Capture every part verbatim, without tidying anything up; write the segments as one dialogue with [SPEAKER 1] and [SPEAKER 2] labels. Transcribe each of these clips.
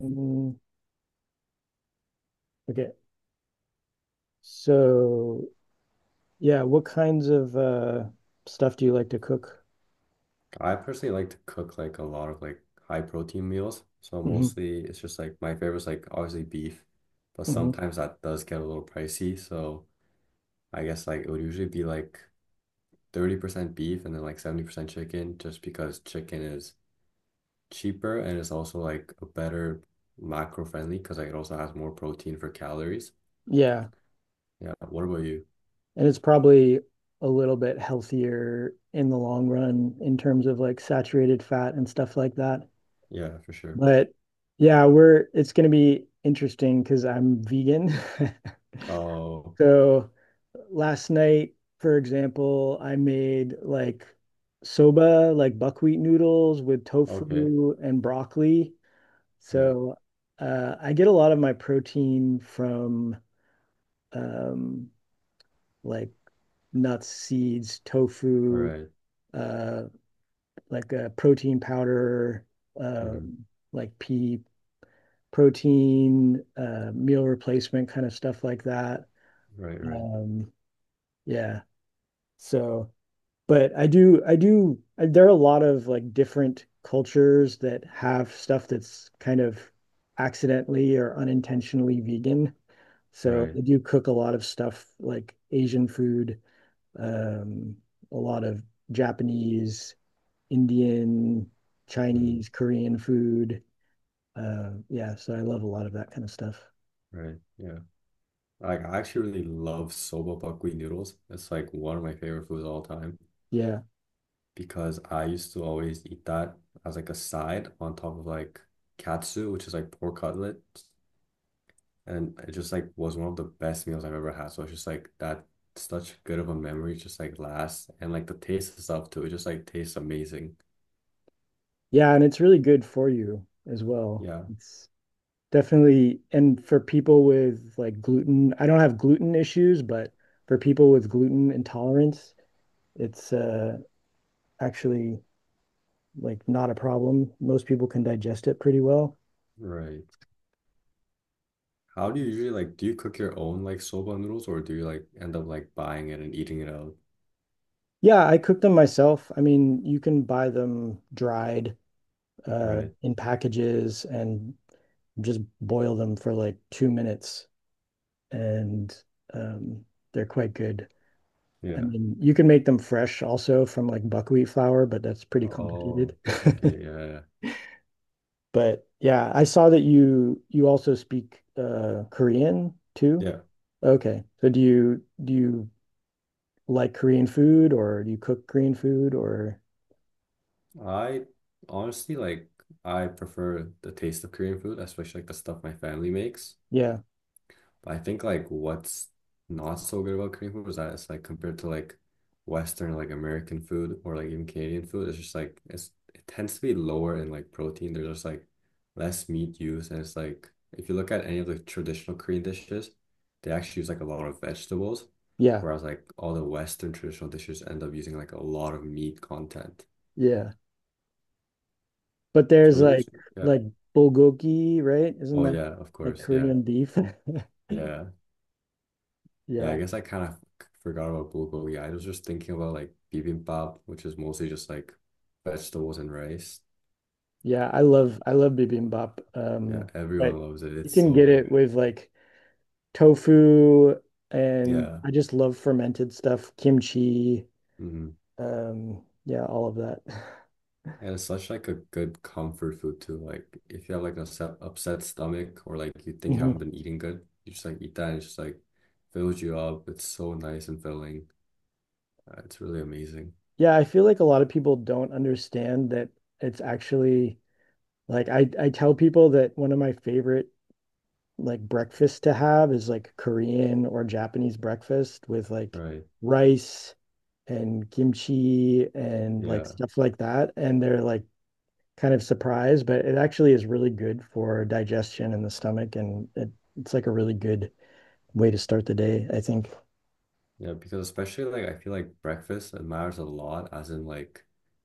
[SPEAKER 1] Mm, okay. So, yeah, what kinds of uh stuff do you like to cook?
[SPEAKER 2] I personally like to cook like a lot of like high protein meals. So
[SPEAKER 1] hmm
[SPEAKER 2] mostly it's just like my favorite's like obviously beef, but
[SPEAKER 1] hmm
[SPEAKER 2] sometimes that does get a little pricey. So I guess like it would usually be like thirty percent beef and then like seventy percent chicken just because chicken is cheaper, and it's also like a better macro friendly because like it also has more protein for calories.
[SPEAKER 1] Yeah.
[SPEAKER 2] Yeah. What about you?
[SPEAKER 1] And it's probably a little bit healthier in the long run in terms of like saturated fat and stuff like that.
[SPEAKER 2] Yeah, for sure.
[SPEAKER 1] But yeah, we're it's going to be interesting because I'm vegan.
[SPEAKER 2] Oh,
[SPEAKER 1] So last night, for example, I made like soba, like buckwheat noodles with
[SPEAKER 2] okay.
[SPEAKER 1] tofu and broccoli.
[SPEAKER 2] Yeah.
[SPEAKER 1] So uh, I get a lot of my protein from um, like nuts, seeds, tofu,
[SPEAKER 2] Right.
[SPEAKER 1] uh, like a protein powder,
[SPEAKER 2] Mm-hmm.
[SPEAKER 1] um, like pea protein, uh, meal replacement kind of stuff like that.
[SPEAKER 2] Right, right,
[SPEAKER 1] Um, yeah. So, but I do, I do, I, there are a lot of like different cultures that have stuff that's kind of accidentally or unintentionally vegan. So
[SPEAKER 2] right.
[SPEAKER 1] I do cook a lot of stuff like Asian food, um, a lot of Japanese, Indian,
[SPEAKER 2] Mm-hmm.
[SPEAKER 1] Chinese, Korean food. Uh, yeah, so I love a lot of that kind of stuff.
[SPEAKER 2] Right. Yeah. Like I actually really love soba buckwheat noodles. It's like one of my favorite foods of all time
[SPEAKER 1] Yeah.
[SPEAKER 2] because I used to always eat that as like a side on top of like katsu, which is like pork cutlet. And it just like was one of the best meals I've ever had. So it's just like that such good of a memory just like lasts, and like the taste and stuff too. It just like tastes amazing.
[SPEAKER 1] Yeah, and it's really good for you as well.
[SPEAKER 2] Yeah,
[SPEAKER 1] It's definitely, and for people with like gluten, I don't have gluten issues, but for people with gluten intolerance, it's uh, actually like not a problem. Most people can digest it pretty well.
[SPEAKER 2] right. How do you usually like do you cook your own like soba noodles, or do you like end up like buying it and eating it out?
[SPEAKER 1] Yeah, I cook them myself. I mean, you can buy them dried uh,
[SPEAKER 2] Right.
[SPEAKER 1] in packages and just boil them for like two minutes, and um, they're quite good. I
[SPEAKER 2] Yeah.
[SPEAKER 1] mean, you can make them fresh also from like buckwheat flour, but that's pretty
[SPEAKER 2] Oh,
[SPEAKER 1] complicated.
[SPEAKER 2] okay, yeah, yeah, yeah.
[SPEAKER 1] But yeah, I saw that you you also speak uh, Korean too.
[SPEAKER 2] Yeah,
[SPEAKER 1] Okay, so do you do you like Korean food, or do you cook Korean food, or
[SPEAKER 2] I honestly like I prefer the taste of Korean food, especially like the stuff my family makes.
[SPEAKER 1] yeah,
[SPEAKER 2] But I think like what's not so good about Korean food is that it's like compared to like Western like American food or like even Canadian food, it's just like it's it tends to be lower in like protein. There's just like less meat used, and it's like if you look at any of the traditional Korean dishes, they actually use like a lot of vegetables,
[SPEAKER 1] yeah,
[SPEAKER 2] whereas like all the Western traditional dishes end up using like a lot of meat content.
[SPEAKER 1] yeah. But
[SPEAKER 2] So
[SPEAKER 1] there's
[SPEAKER 2] really,
[SPEAKER 1] like
[SPEAKER 2] just- yeah.
[SPEAKER 1] like bulgogi, right? Isn't
[SPEAKER 2] Oh
[SPEAKER 1] that
[SPEAKER 2] yeah, of
[SPEAKER 1] like
[SPEAKER 2] course, yeah,
[SPEAKER 1] Korean beef?
[SPEAKER 2] yeah. Yeah,
[SPEAKER 1] Yeah.
[SPEAKER 2] I guess I kind of forgot about bulgogi. I was just thinking about like bibimbap, which is mostly just like vegetables and rice.
[SPEAKER 1] Yeah, I love I love bibimbap.
[SPEAKER 2] Yeah,
[SPEAKER 1] Um,
[SPEAKER 2] everyone
[SPEAKER 1] but
[SPEAKER 2] loves it.
[SPEAKER 1] you
[SPEAKER 2] It's
[SPEAKER 1] can
[SPEAKER 2] so
[SPEAKER 1] get
[SPEAKER 2] good.
[SPEAKER 1] it with like tofu and
[SPEAKER 2] Yeah.
[SPEAKER 1] I just love fermented stuff, kimchi,
[SPEAKER 2] Hmm.
[SPEAKER 1] um, yeah, all of that.
[SPEAKER 2] And it's such like a good comfort food too. Like if you have like an upset, upset stomach or like you think you
[SPEAKER 1] Mhm.
[SPEAKER 2] haven't been eating good, you just like eat that and it just like fills you up. It's so nice and filling. Uh, it's really amazing.
[SPEAKER 1] Yeah, I feel like a lot of people don't understand that it's actually like I I tell people that one of my favorite like breakfast to have is like Korean or Japanese breakfast with like
[SPEAKER 2] Right.
[SPEAKER 1] rice and kimchi and like
[SPEAKER 2] Yeah.
[SPEAKER 1] stuff like that. And they're like kind of surprised, but it actually is really good for digestion in the stomach. And it, it's like a really good way to start the day, I think.
[SPEAKER 2] Yeah, because especially like I feel like breakfast it matters a lot, as in like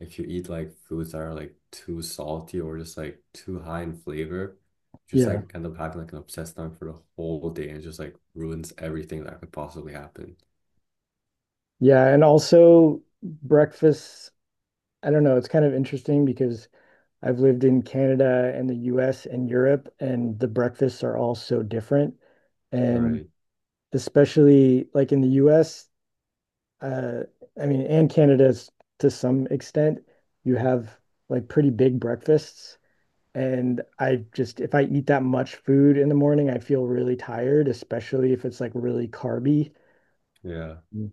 [SPEAKER 2] if you eat like foods that are like too salty or just like too high in flavor, just
[SPEAKER 1] Yeah.
[SPEAKER 2] like end up having like an upset stomach for the whole day and just like ruins everything that could possibly happen.
[SPEAKER 1] Yeah. And also breakfast, I don't know, it's kind of interesting because I've lived in Canada and the U S and Europe, and the breakfasts are all so different. Yeah. And
[SPEAKER 2] Right.
[SPEAKER 1] especially like in the U S, I mean, and Canada to some extent, you have like pretty big breakfasts. And I just, if I eat that much food in the morning, I feel really tired, especially if it's like really carby.
[SPEAKER 2] Yeah.
[SPEAKER 1] Mm.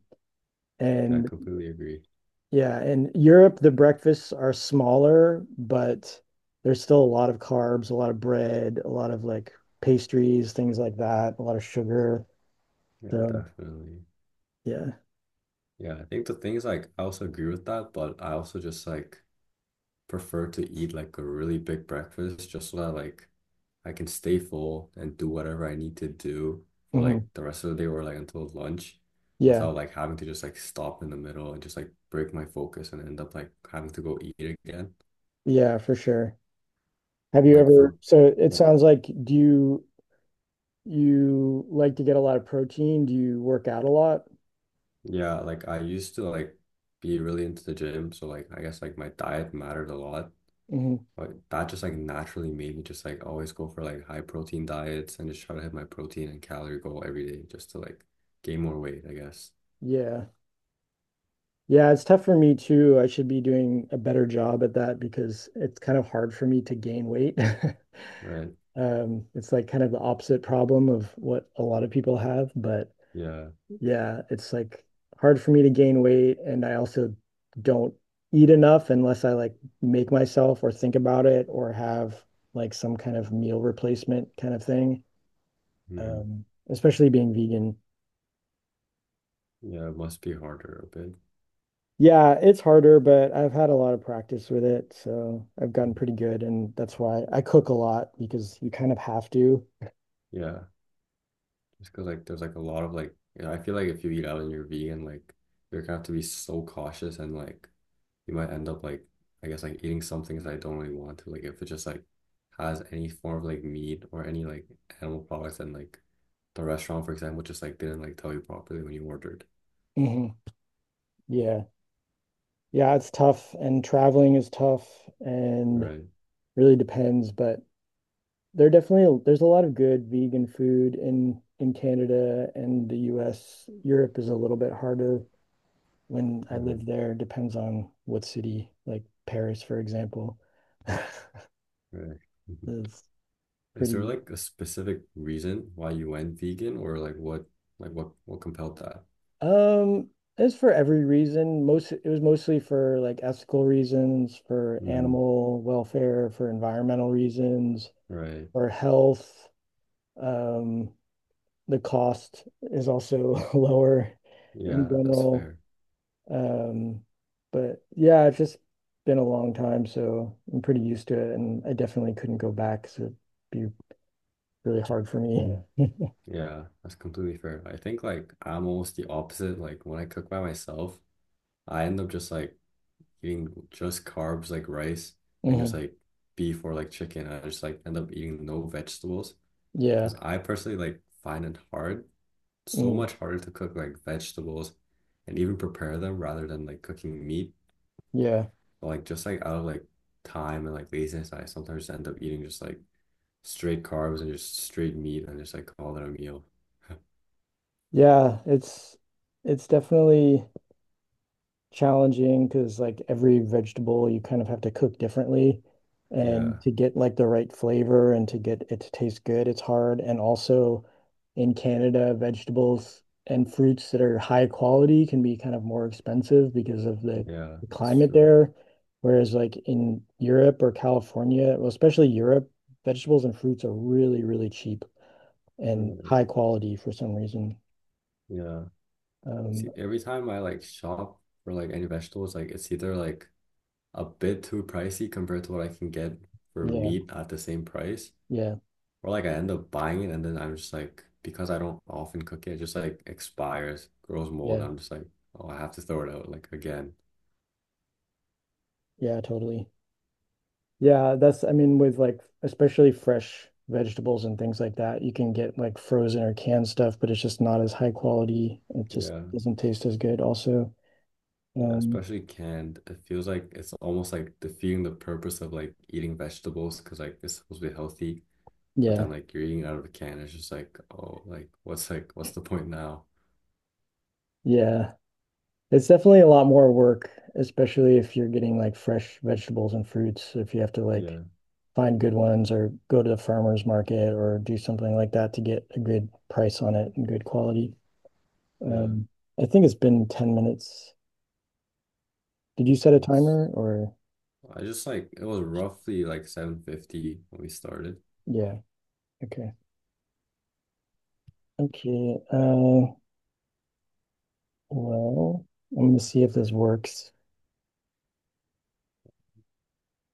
[SPEAKER 2] I
[SPEAKER 1] And
[SPEAKER 2] completely agree.
[SPEAKER 1] yeah, in Europe, the breakfasts are smaller, but there's still a lot of carbs, a lot of bread, a lot of like pastries, things like that, a lot of sugar.
[SPEAKER 2] Yeah,
[SPEAKER 1] So
[SPEAKER 2] definitely.
[SPEAKER 1] yeah.
[SPEAKER 2] Yeah, I think the thing is like I also agree with that, but I also just like prefer to eat like a really big breakfast just so that like I can stay full and do whatever I need to do for like
[SPEAKER 1] Mhm.
[SPEAKER 2] the rest of the day or like until lunch
[SPEAKER 1] Yeah.
[SPEAKER 2] without like having to just like stop in the middle and just like break my focus and end up like having to go eat again.
[SPEAKER 1] Yeah, for sure. Have you
[SPEAKER 2] Like
[SPEAKER 1] ever,
[SPEAKER 2] for
[SPEAKER 1] so it
[SPEAKER 2] yeah,
[SPEAKER 1] sounds like do you you like to get a lot of protein? Do you work out a lot?
[SPEAKER 2] yeah, like I used to like be really into the gym, so like I guess like my diet mattered a lot.
[SPEAKER 1] hmm
[SPEAKER 2] But that just like naturally made me just like always go for like high protein diets and just try to hit my protein and calorie goal every day just to like gain more weight, I guess.
[SPEAKER 1] Yeah. Yeah, it's tough for me too. I should be doing a better job at that because it's kind of hard for me to gain weight.
[SPEAKER 2] Right.
[SPEAKER 1] Um, it's like kind of the opposite problem of what a lot of people have, but
[SPEAKER 2] Yeah.
[SPEAKER 1] yeah, it's like hard for me to gain weight, and I also don't eat enough unless I like make myself or think about it or have like some kind of meal replacement kind of thing.
[SPEAKER 2] Hmm.
[SPEAKER 1] Um, especially being vegan.
[SPEAKER 2] Yeah, it must be harder a bit.
[SPEAKER 1] Yeah, it's harder, but I've had a lot of practice with it, so I've gotten
[SPEAKER 2] Mm.
[SPEAKER 1] pretty good, and that's why I cook a lot because you kind of have to.
[SPEAKER 2] Yeah, just because like there's like a lot of like you know, I feel like if you eat out and you're vegan, like you're gonna have to be so cautious, and like you might end up like I guess like eating some things that I don't really want to. Like if it just like has any form of like meat or any like animal products, and like the restaurant, for example, just like didn't like tell you properly when you ordered.
[SPEAKER 1] hmm Yeah. Yeah, it's tough, and traveling is tough and
[SPEAKER 2] Right.
[SPEAKER 1] really depends, but There definitely there's a lot of good vegan food in in Canada and the U S. Europe is a little bit harder when I
[SPEAKER 2] Hmm.
[SPEAKER 1] lived there. Depends on what city, like Paris, for example.
[SPEAKER 2] Right. Mhm.
[SPEAKER 1] It's
[SPEAKER 2] Is there
[SPEAKER 1] pretty
[SPEAKER 2] like a specific reason why you went vegan, or like what like what what compelled that?
[SPEAKER 1] um as for every reason, most it was mostly for like ethical reasons, for
[SPEAKER 2] Hmm.
[SPEAKER 1] animal welfare, for environmental reasons,
[SPEAKER 2] Right.
[SPEAKER 1] for health. Um, the cost is also lower in
[SPEAKER 2] Yeah, that's
[SPEAKER 1] general.
[SPEAKER 2] fair.
[SPEAKER 1] Um, but yeah, it's just been a long time, so I'm pretty used to it, and I definitely couldn't go back, so it'd be really hard for me.
[SPEAKER 2] Yeah, that's completely fair. I think like I'm almost the opposite. Like when I cook by myself, I end up just like eating just carbs like rice
[SPEAKER 1] Yeah.
[SPEAKER 2] and just
[SPEAKER 1] Mhm.
[SPEAKER 2] like beef or like chicken. I just like end up eating no vegetables
[SPEAKER 1] Yeah.
[SPEAKER 2] because I personally like find it hard, so
[SPEAKER 1] Mm.
[SPEAKER 2] much harder to cook like vegetables and even prepare them rather than like cooking meat.
[SPEAKER 1] Yeah.
[SPEAKER 2] But, like just like out of like time and like laziness, I sometimes end up eating just like straight carbs and just straight meat and just like call it a meal.
[SPEAKER 1] Yeah, it's it's definitely challenging because like every vegetable you kind of have to cook differently. And
[SPEAKER 2] Yeah,
[SPEAKER 1] to get like the right flavor and to get it to taste good, it's hard. And also in Canada, vegetables and fruits that are high quality can be kind of more expensive because of the,
[SPEAKER 2] yeah,
[SPEAKER 1] the
[SPEAKER 2] it's
[SPEAKER 1] climate
[SPEAKER 2] true.
[SPEAKER 1] there. Whereas like in Europe or California, well, especially Europe, vegetables and fruits are really, really cheap and high
[SPEAKER 2] Right.
[SPEAKER 1] quality for some reason.
[SPEAKER 2] Yeah. It's
[SPEAKER 1] Um,
[SPEAKER 2] e, every time I like shop for like any vegetables, like it's either like a bit too pricey compared to what I can get for
[SPEAKER 1] yeah,
[SPEAKER 2] meat at the same price,
[SPEAKER 1] yeah,
[SPEAKER 2] or like I end up buying it and then I'm just like because I don't often cook it, it just like expires, grows mold.
[SPEAKER 1] yeah,
[SPEAKER 2] I'm just like, oh, I have to throw it out like again.
[SPEAKER 1] yeah, totally. Yeah, that's, I mean, with like, especially fresh vegetables and things like that, you can get like frozen or canned stuff, but it's just not as high quality. It just
[SPEAKER 2] Yeah.
[SPEAKER 1] doesn't taste as good also.
[SPEAKER 2] Yeah,
[SPEAKER 1] Um,
[SPEAKER 2] especially canned. It feels like it's almost like defeating the purpose of like eating vegetables because like it's supposed to be healthy. But then
[SPEAKER 1] yeah,
[SPEAKER 2] like you're eating out of a can, it's just like, oh, like what's like what's the point now?
[SPEAKER 1] yeah. It's definitely a lot more work, especially if you're getting like fresh vegetables and fruits. If you have to like
[SPEAKER 2] Yeah,
[SPEAKER 1] find good ones or go to the farmer's market or do something like that to get a good price on it and good quality.
[SPEAKER 2] yeah,
[SPEAKER 1] Um, I think it's been ten minutes. Did you set a
[SPEAKER 2] thanks.
[SPEAKER 1] timer or?
[SPEAKER 2] I just like it was roughly like seven fifty when we started.
[SPEAKER 1] Yeah. Okay. Okay, uh, well, let me see if this works.